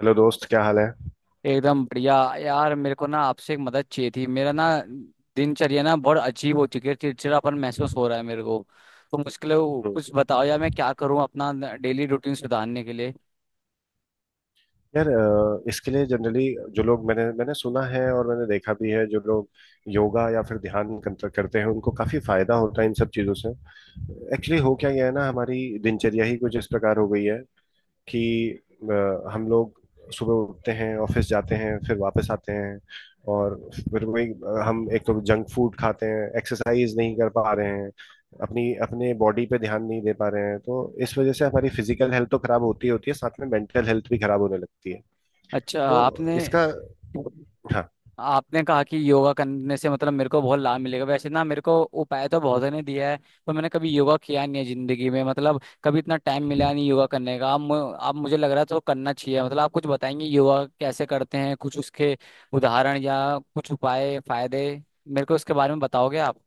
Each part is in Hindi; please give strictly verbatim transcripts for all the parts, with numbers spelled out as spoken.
हेलो दोस्त, क्या हाल है। एकदम बढ़िया। यार मेरे को ना आपसे एक मदद चाहिए थी। मेरा ना दिनचर्या ना बहुत अजीब हो चुकी है। चिड़चिड़ापन महसूस हो रहा है मेरे को। तो मुश्किल है वो, हम्म। कुछ बताओ यार मैं क्या करूँ अपना डेली रूटीन सुधारने के लिए। यार, अ, इसके लिए जनरली जो लोग मैंने मैंने सुना है और मैंने देखा भी है, जो लोग योगा या फिर ध्यान कंत- करते हैं उनको काफी फायदा होता है इन सब चीजों से। एक्चुअली हो क्या गया है ना, हमारी दिनचर्या ही कुछ इस प्रकार हो गई है कि अ, हम लोग सुबह उठते हैं, ऑफिस जाते हैं, फिर वापस आते हैं और फिर वही अ, हम एक तो जंक फूड खाते हैं, एक्सरसाइज नहीं कर पा रहे हैं, अपनी अपने बॉडी पे ध्यान नहीं दे पा रहे हैं, तो इस वजह से हमारी फिजिकल हेल्थ तो खराब होती ही होती है, साथ में मेंटल हेल्थ भी खराब होने लगती है। अच्छा, तो आपने इसका। हाँ। आपने कहा कि योगा करने से मतलब मेरे को बहुत लाभ मिलेगा। वैसे ना मेरे को उपाय तो बहुत ने दिया है। पर मैंने कभी योगा किया नहीं है जिंदगी में। मतलब कभी इतना टाइम मिला नहीं योगा करने का। अब मु- अब मुझे लग रहा है तो करना चाहिए। मतलब आप कुछ बताएंगे योगा कैसे करते हैं, कुछ उसके उदाहरण या कुछ उपाय फायदे मेरे को उसके बारे में बताओगे आप?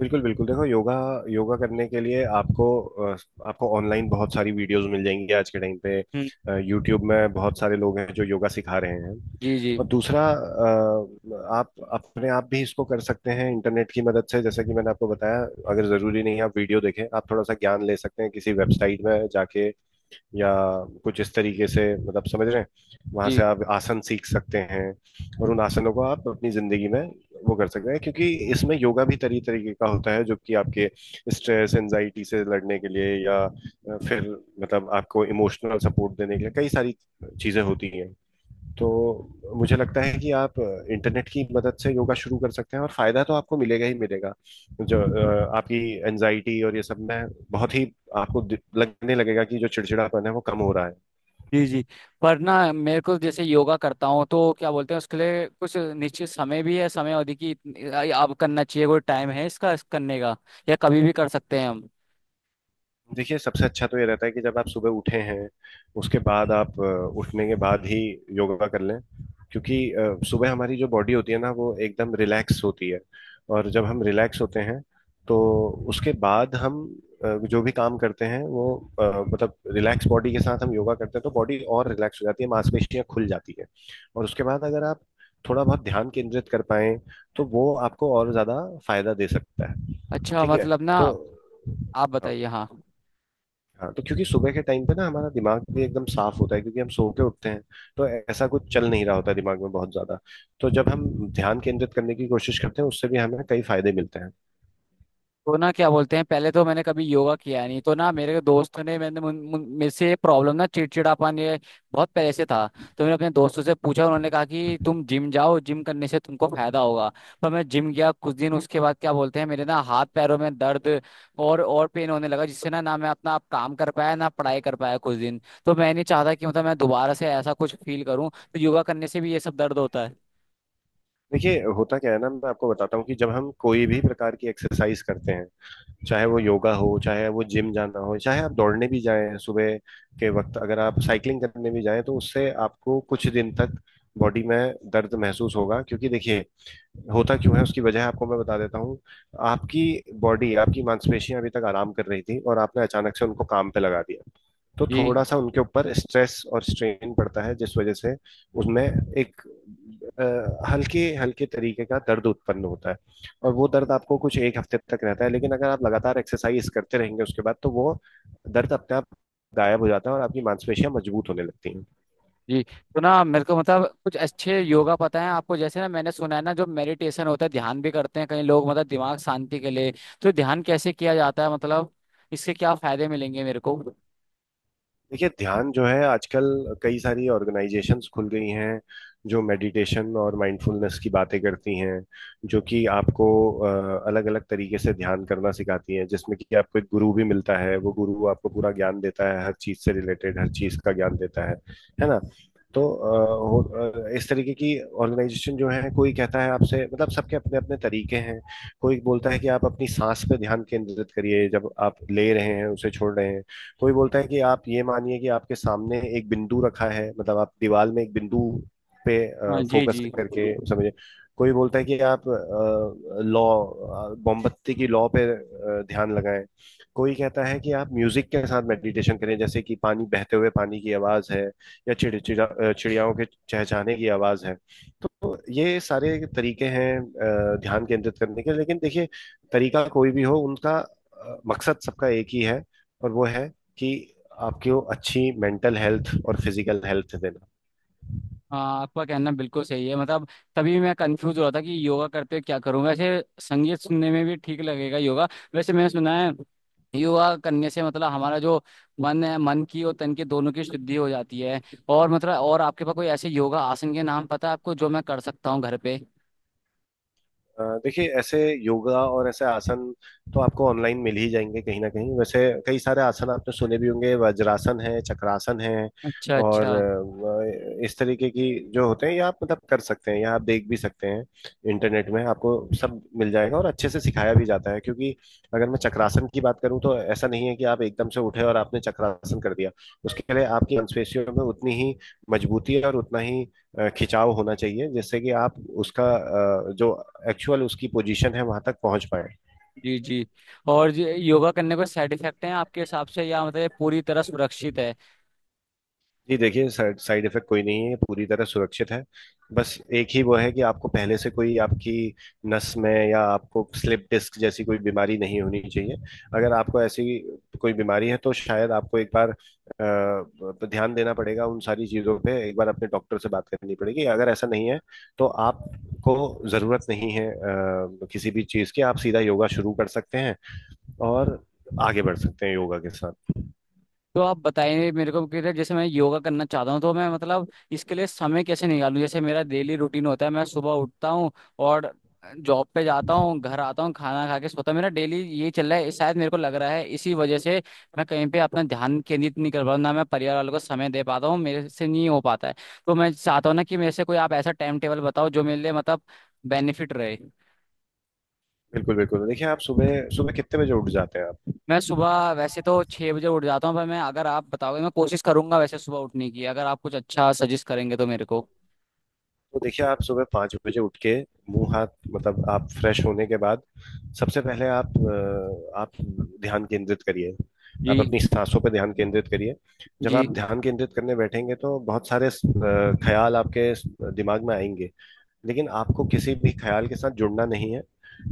बिल्कुल बिल्कुल, देखो योगा। योगा करने के लिए आपको अ, आपको ऑनलाइन बहुत सारी वीडियोस मिल जाएंगी आज के टाइम पे। हम्म। यूट्यूब में बहुत सारे लोग हैं जो योगा सिखा रहे हैं। जी जी और दूसरा, अ, आप अपने आप भी इसको कर सकते हैं इंटरनेट की मदद से, जैसे कि मैंने आपको बताया। अगर ज़रूरी नहीं है, आप वीडियो देखें, आप थोड़ा सा ज्ञान ले सकते हैं किसी वेबसाइट में जाके, या कुछ इस तरीके से, मतलब समझ रहे हैं। वहां से जी। आप आसन सीख सकते हैं और उन आसनों को आप अपनी ज़िंदगी में वो कर सकते हैं, क्योंकि इसमें योगा भी तरी तरीके का होता है जो कि आपके स्ट्रेस एंजाइटी से लड़ने के लिए या अ, फिर मतलब आपको इमोशनल सपोर्ट देने के लिए कई सारी चीज़ें होती हैं। तो मुझे लगता है कि आप इंटरनेट की मदद से योगा शुरू कर सकते हैं और फायदा तो आपको मिलेगा ही मिलेगा। जो अ, आपकी एनजाइटी और ये सब में बहुत ही आपको दि- लगने लगेगा कि जो चिड़चिड़ापन है वो कम हो रहा है। जी जी। पर ना मेरे को जैसे योगा करता हूँ तो क्या बोलते हैं, उसके लिए कुछ निश्चित समय भी है, समय अवधि की इतनी- अब करना चाहिए कोई टाइम है इसका इस करने का, या कभी भी कर सकते हैं हम? देखिए, सबसे अच्छा तो ये रहता है कि जब आप सुबह उठे हैं उसके बाद आप अ, उठने के बाद ही योगा कर लें, क्योंकि अ, सुबह हमारी जो बॉडी होती है ना वो एकदम रिलैक्स होती है। और जब हम रिलैक्स होते हैं तो उसके बाद हम अ, जो भी काम करते हैं वो अ, मतलब रिलैक्स बॉडी के साथ हम योगा करते हैं तो बॉडी और रिलैक्स हो जाती है, मांसपेशियां खुल जाती है। और उसके बाद अगर आप थोड़ा बहुत ध्यान केंद्रित कर पाए तो वो आपको और ज्यादा फायदा दे सकता है। अच्छा ठीक है। मतलब ना। तो आप बताइए। हाँ। हाँ, तो क्योंकि सुबह के टाइम पे ना हमारा दिमाग भी एकदम साफ होता है, क्योंकि हम सो के उठते हैं। तो ऐसा कुछ चल नहीं रहा होता है दिमाग में बहुत ज्यादा। तो जब हम ध्यान केंद्रित करने की कोशिश करते हैं उससे भी हमें कई फायदे मिलते हैं। तो ना क्या बोलते हैं, पहले तो मैंने कभी योगा किया नहीं। तो ना मेरे दोस्तों ने मैंने मुन- मुन- मेरे से ये प्रॉब्लम ना चिड़चिड़ापन ये बहुत पहले से था। तो मैंने अपने दोस्तों से पूछा। उन्होंने कहा कि तुम जिम जाओ, जिम करने से तुमको फायदा होगा। पर मैं जिम गया कुछ दिन। उसके बाद क्या बोलते हैं, मेरे ना हाथ पैरों में दर्द और और पेन होने लगा, जिससे ना ना मैं अपना आप काम कर पाया ना पढ़ाई कर पाया कुछ दिन। तो मैं नहीं चाहता कि मतलब मैं दोबारा से ऐसा कुछ फील करूं। तो योगा करने से भी ये सब दर्द होता है? देखिए, होता क्या है ना, मैं आपको बताता हूँ कि जब हम कोई भी प्रकार की एक्सरसाइज करते हैं, चाहे वो योगा हो, चाहे वो जिम जाना हो, चाहे आप दौड़ने भी जाएं सुबह के वक्त, अगर आप साइकिलिंग करने भी जाएं, तो उससे आपको कुछ दिन तक बॉडी में दर्द महसूस होगा। क्योंकि देखिए, होता क्यों है उसकी वजह आपको मैं बता देता हूँ। आपकी बॉडी, आपकी मांसपेशियां अभी तक आराम कर रही थी और आपने अचानक से उनको काम पे लगा दिया। तो थोड़ा जी सा उनके ऊपर स्ट्रेस और स्ट्रेन पड़ता है, जिस वजह से उनमें एक अ, हल्के हल्के तरीके का दर्द उत्पन्न होता है। और वो दर्द आपको कुछ एक हफ्ते तक रहता है, लेकिन अगर आप लगातार एक्सरसाइज करते रहेंगे उसके बाद तो वो दर्द अपने आप गायब हो जाता है और आपकी मांसपेशियां मजबूत होने लगती हैं। जी। तो ना मेरे को मतलब कुछ अच्छे योगा पता है आपको? जैसे ना मैंने सुना है ना, जो मेडिटेशन होता है ध्यान भी करते हैं कई लोग मतलब दिमाग शांति के लिए। तो ध्यान कैसे किया जाता है मतलब? इससे क्या फायदे मिलेंगे मेरे को? देखिए, ध्यान जो है, आजकल कई सारी ऑर्गेनाइजेशंस खुल गई हैं जो मेडिटेशन और माइंडफुलनेस की बातें करती हैं, जो कि आपको अलग अलग तरीके से ध्यान करना सिखाती हैं, जिसमें कि आपको एक गुरु भी मिलता है, वो गुरु आपको पूरा ज्ञान देता है, हर चीज से रिलेटेड हर चीज का ज्ञान देता है है ना। तो अ, हो- अ, इस तरीके की ऑर्गेनाइजेशन जो है, कोई कहता है आपसे, मतलब सबके अपने अपने तरीके हैं। कोई बोलता है कि आप अपनी सांस पे ध्यान केंद्रित करिए जब आप ले रहे हैं उसे छोड़ रहे हैं। कोई बोलता है कि आप ये मानिए कि आपके सामने एक बिंदु रखा है, मतलब आप दीवार में एक बिंदु पे हाँ जी फोकस जी। करके, समझे। कोई बोलता है कि आप लॉ, मोमबत्ती की लॉ पे अ, ध्यान लगाएं। कोई कहता है कि आप म्यूजिक के साथ मेडिटेशन करें, जैसे कि पानी, बहते हुए पानी की आवाज है या चिड़चिड़ा अ, चिड़ियाओं के चहचहाने की आवाज है। तो ये सारे तरीके हैं अ, ध्यान केंद्रित करने के। लेकिन देखिए, तरीका कोई भी हो, उनका अ, मकसद सबका एक ही है और वो है कि आपकी वो अच्छी मेंटल हेल्थ और फिजिकल हेल्थ देना। हाँ आपका कहना बिल्कुल सही है मतलब। तभी मैं कंफ्यूज हो रहा था कि योगा करते हुए क्या करूँ वैसे। संगीत सुनने में भी ठीक लगेगा योगा। वैसे मैंने सुना है योगा करने से मतलब हमारा जो मन है, मन की और तन की दोनों की शुद्धि हो जाती है। और मतलब और आपके पास कोई ऐसे योगा आसन के नाम पता है आपको जो मैं कर सकता हूँ घर पे? अ, देखिए, ऐसे योगा और ऐसे आसन तो आपको ऑनलाइन मिल ही जाएंगे कहीं ना कहीं। वैसे कई सारे आसन आपने सुने भी होंगे, वज्रासन है, चक्रासन है अच्छा और अच्छा। अ, इस तरीके की जो होते हैं, ये आप मतलब कर सकते हैं या आप देख भी सकते हैं, इंटरनेट में आपको सब मिल जाएगा और अच्छे से सिखाया भी जाता है। क्योंकि अगर मैं चक्रासन की बात करूं तो ऐसा नहीं है कि आप एकदम से उठे और आपने चक्रासन कर दिया। उसके लिए आपकी मांसपेशियों में उतनी ही मजबूती और उतना ही अ, खिंचाव होना चाहिए जिससे कि आप उसका अ, जो एक्चुअल उसकी पोजीशन है वहां तक पहुंच पाए। जी जी। और ये योगा करने को साइड इफेक्ट हैं आपके हिसाब से, या मतलब ये पूरी तरह सुरक्षित है? जी देखिए, साइड साइड इफेक्ट कोई नहीं है, ये पूरी तरह सुरक्षित है। बस एक ही वो है कि आपको पहले से कोई आपकी नस में या आपको स्लिप डिस्क जैसी कोई बीमारी नहीं होनी चाहिए। अगर आपको ऐसी कोई बीमारी है तो शायद आपको एक बार अ, ध्यान देना पड़ेगा उन सारी चीजों पे, एक बार अपने डॉक्टर से बात करनी पड़ेगी। अगर ऐसा नहीं है तो आपको जरूरत नहीं है अ, किसी भी चीज की, आप सीधा योगा शुरू कर सकते हैं और आगे बढ़ सकते हैं योगा के साथ। तो आप बताइए मेरे को कि जैसे मैं योगा करना चाहता हूँ तो मैं मतलब इसके लिए समय कैसे निकालूं। जैसे मेरा डेली रूटीन होता है, मैं सुबह उठता हूँ और जॉब पे जाता हूँ, घर आता हूँ, खाना खा के सोता हूँ। मेरा डेली ये चल रहा है। शायद मेरे को लग रहा है इसी वजह से मैं कहीं पे अपना ध्यान केंद्रित नहीं कर पा रहा हूं, ना मैं परिवार वालों को समय दे पाता हूँ, मेरे से नहीं हो पाता है। तो मैं चाहता हूँ ना कि मेरे से कोई आप ऐसा टाइम टेबल बताओ जो मेरे लिए मतलब बेनिफिट रहे। बिल्कुल बिल्कुल, देखिए आप सुबह सुबह कितने बजे उठ जाते हैं आप। मैं सुबह वैसे तो छह बजे उठ जाता हूँ। पर मैं अगर आप बताओगे मैं कोशिश करूंगा वैसे सुबह उठने की, अगर आप कुछ अच्छा सजेस्ट करेंगे तो मेरे को। तो देखिए, आप सुबह पाँच बजे उठ के, मुंह हाथ, मतलब आप फ्रेश होने के बाद सबसे पहले आप अ, आप ध्यान केंद्रित करिए, आप जी अपनी सांसों पर ध्यान केंद्रित करिए। जब जी। आप ध्यान केंद्रित करने बैठेंगे तो बहुत सारे अ, ख्याल आपके दिमाग में आएंगे, लेकिन आपको किसी भी ख्याल के साथ जुड़ना नहीं है।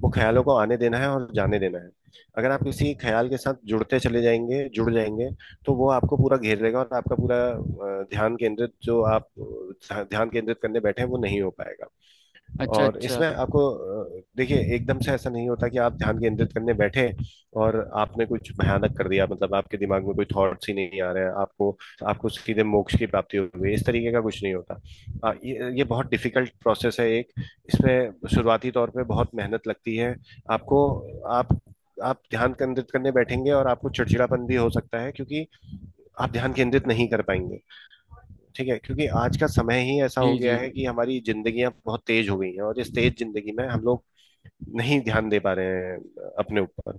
वो ख्यालों को आने देना है और जाने देना है। अगर आप किसी ख्याल के साथ जुड़ते चले जाएंगे जुड़ जाएंगे, तो वो आपको पूरा घेर लेगा और आपका पूरा अ, ध्यान केंद्रित जो आप अ, ध्यान केंद्रित करने बैठे हैं वो नहीं हो पाएगा। अच्छा और अच्छा। इसमें आपको अ, देखिए, एकदम से ऐसा नहीं होता कि आप ध्यान केंद्रित करने बैठे और आपने कुछ भयानक कर दिया, मतलब आपके दिमाग में कोई थॉट्स ही नहीं आ रहे हैं आपको, आपको सीधे मोक्ष की प्राप्ति हो गई, इस तरीके का कुछ नहीं होता। अ, ये, ये बहुत डिफिकल्ट प्रोसेस है एक, इसमें शुरुआती तौर पे बहुत मेहनत लगती है। आपको आप आप ध्यान केंद्रित करने बैठेंगे और आपको चिड़चिड़ापन भी हो सकता है, क्योंकि आप ध्यान केंद्रित नहीं कर पाएंगे। ठीक है, क्योंकि आज का समय ही ऐसा हो जी जी। गया है कि हमारी जिंदगियां बहुत तेज हो गई हैं और इस तेज जिंदगी में हम लोग नहीं ध्यान दे पा रहे हैं अपने ऊपर।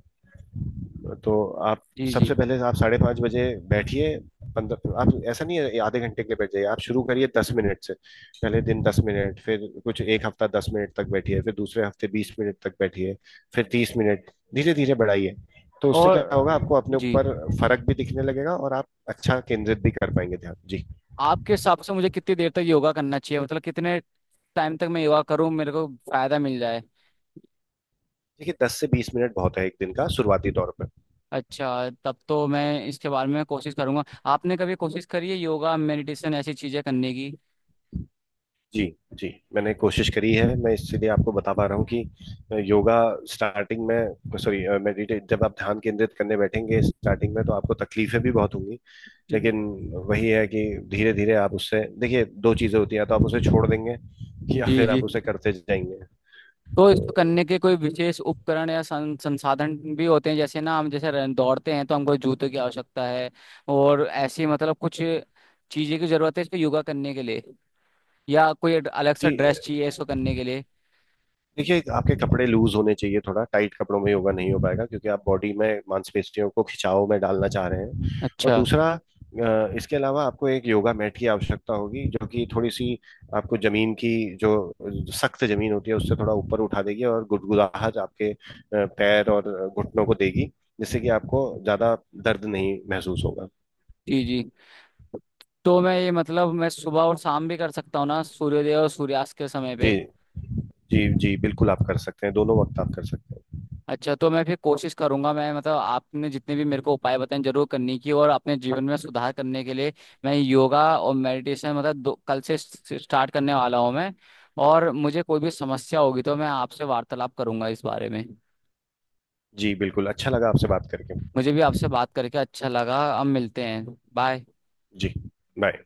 तो आप जी जी। सबसे पहले आप साढ़े पाँच बजे बैठिए, पंद्रह, आप ऐसा नहीं है आधे घंटे के लिए बैठ जाइए, आप शुरू करिए दस मिनट से। पहले दिन दस मिनट, फिर कुछ एक हफ्ता दस मिनट तक बैठिए, फिर दूसरे हफ्ते बीस मिनट तक बैठिए, फिर तीस मिनट, धीरे धीरे बढ़ाइए। तो उससे और क्या होगा, अ, आपको अपने जी। ऊपर फर्क भी दिखने लगेगा और आप अच्छा केंद्रित भी कर पाएंगे ध्यान। जी आपके हिसाब से मुझे कितनी देर तक योगा करना चाहिए मतलब? कितने टाइम तक मैं योगा करूँ मेरे को फायदा मिल जाए? देखिए, दस से बीस मिनट बहुत है एक दिन का शुरुआती तौर पर। अच्छा तब तो मैं इसके बारे में कोशिश करूंगा। आपने कभी कोशिश करी है योगा मेडिटेशन ऐसी चीजें करने की? जी जी, मैंने कोशिश करी है, मैं इसलिए आपको बता पा रहा हूँ कि योगा स्टार्टिंग में, सॉरी, मेडिटेट, जब आप ध्यान केंद्रित करने बैठेंगे स्टार्टिंग में तो आपको तकलीफें भी बहुत होंगी। जी लेकिन वही है कि धीरे धीरे आप उससे, देखिए दो चीजें होती हैं, या तो आप उसे छोड़ देंगे या जी फिर जी। आप उसे करते जाएंगे तो तो। इसको करने के कोई विशेष उपकरण या सं, संसाधन भी होते हैं? जैसे ना हम जैसे रन- दौड़ते हैं तो हमको जूते की आवश्यकता है। और ऐसी मतलब कुछ चीजें की जरूरत है इसको योगा करने के लिए? या कोई अड- अलग सा जी ड्रेस चाहिए इसको करने के लिए? देखिए, आपके कपड़े लूज होने चाहिए, थोड़ा टाइट कपड़ों में योगा नहीं हो पाएगा, क्योंकि आप बॉडी में मांसपेशियों को खिंचाव में डालना चाह रहे हैं। और अच्छा। दूसरा, अ, इसके अलावा आपको एक योगा मैट की आवश्यकता होगी जो कि थोड़ी सी आपको जमीन की जो सख्त जमीन होती है उससे थोड़ा ऊपर उठा देगी और गुदगुदाहट आपके अ, पैर और घुटनों को देगी, जिससे कि आपको ज्यादा दर्द नहीं महसूस होगा। जी जी। तो मैं ये मतलब मैं सुबह और शाम भी कर सकता हूँ ना, सूर्योदय और सूर्यास्त के समय पे? जी जी। जी बिल्कुल, आप कर सकते हैं, दोनों वक्त आप कर सकते हैं। अच्छा तो मैं फिर कोशिश करूंगा। मैं मतलब आपने जितने भी मेरे को उपाय बताए जरूर करने की और अपने जीवन में सुधार करने के लिए मैं योगा और मेडिटेशन मतलब दो, कल से स्टार्ट करने वाला हूँ मैं। और मुझे कोई भी समस्या होगी तो मैं आपसे वार्तालाप करूंगा इस बारे में। जी बिल्कुल, अच्छा लगा आपसे बात करके। मुझे भी आपसे बात करके अच्छा लगा। अब मिलते हैं। बाय। जी। बाय।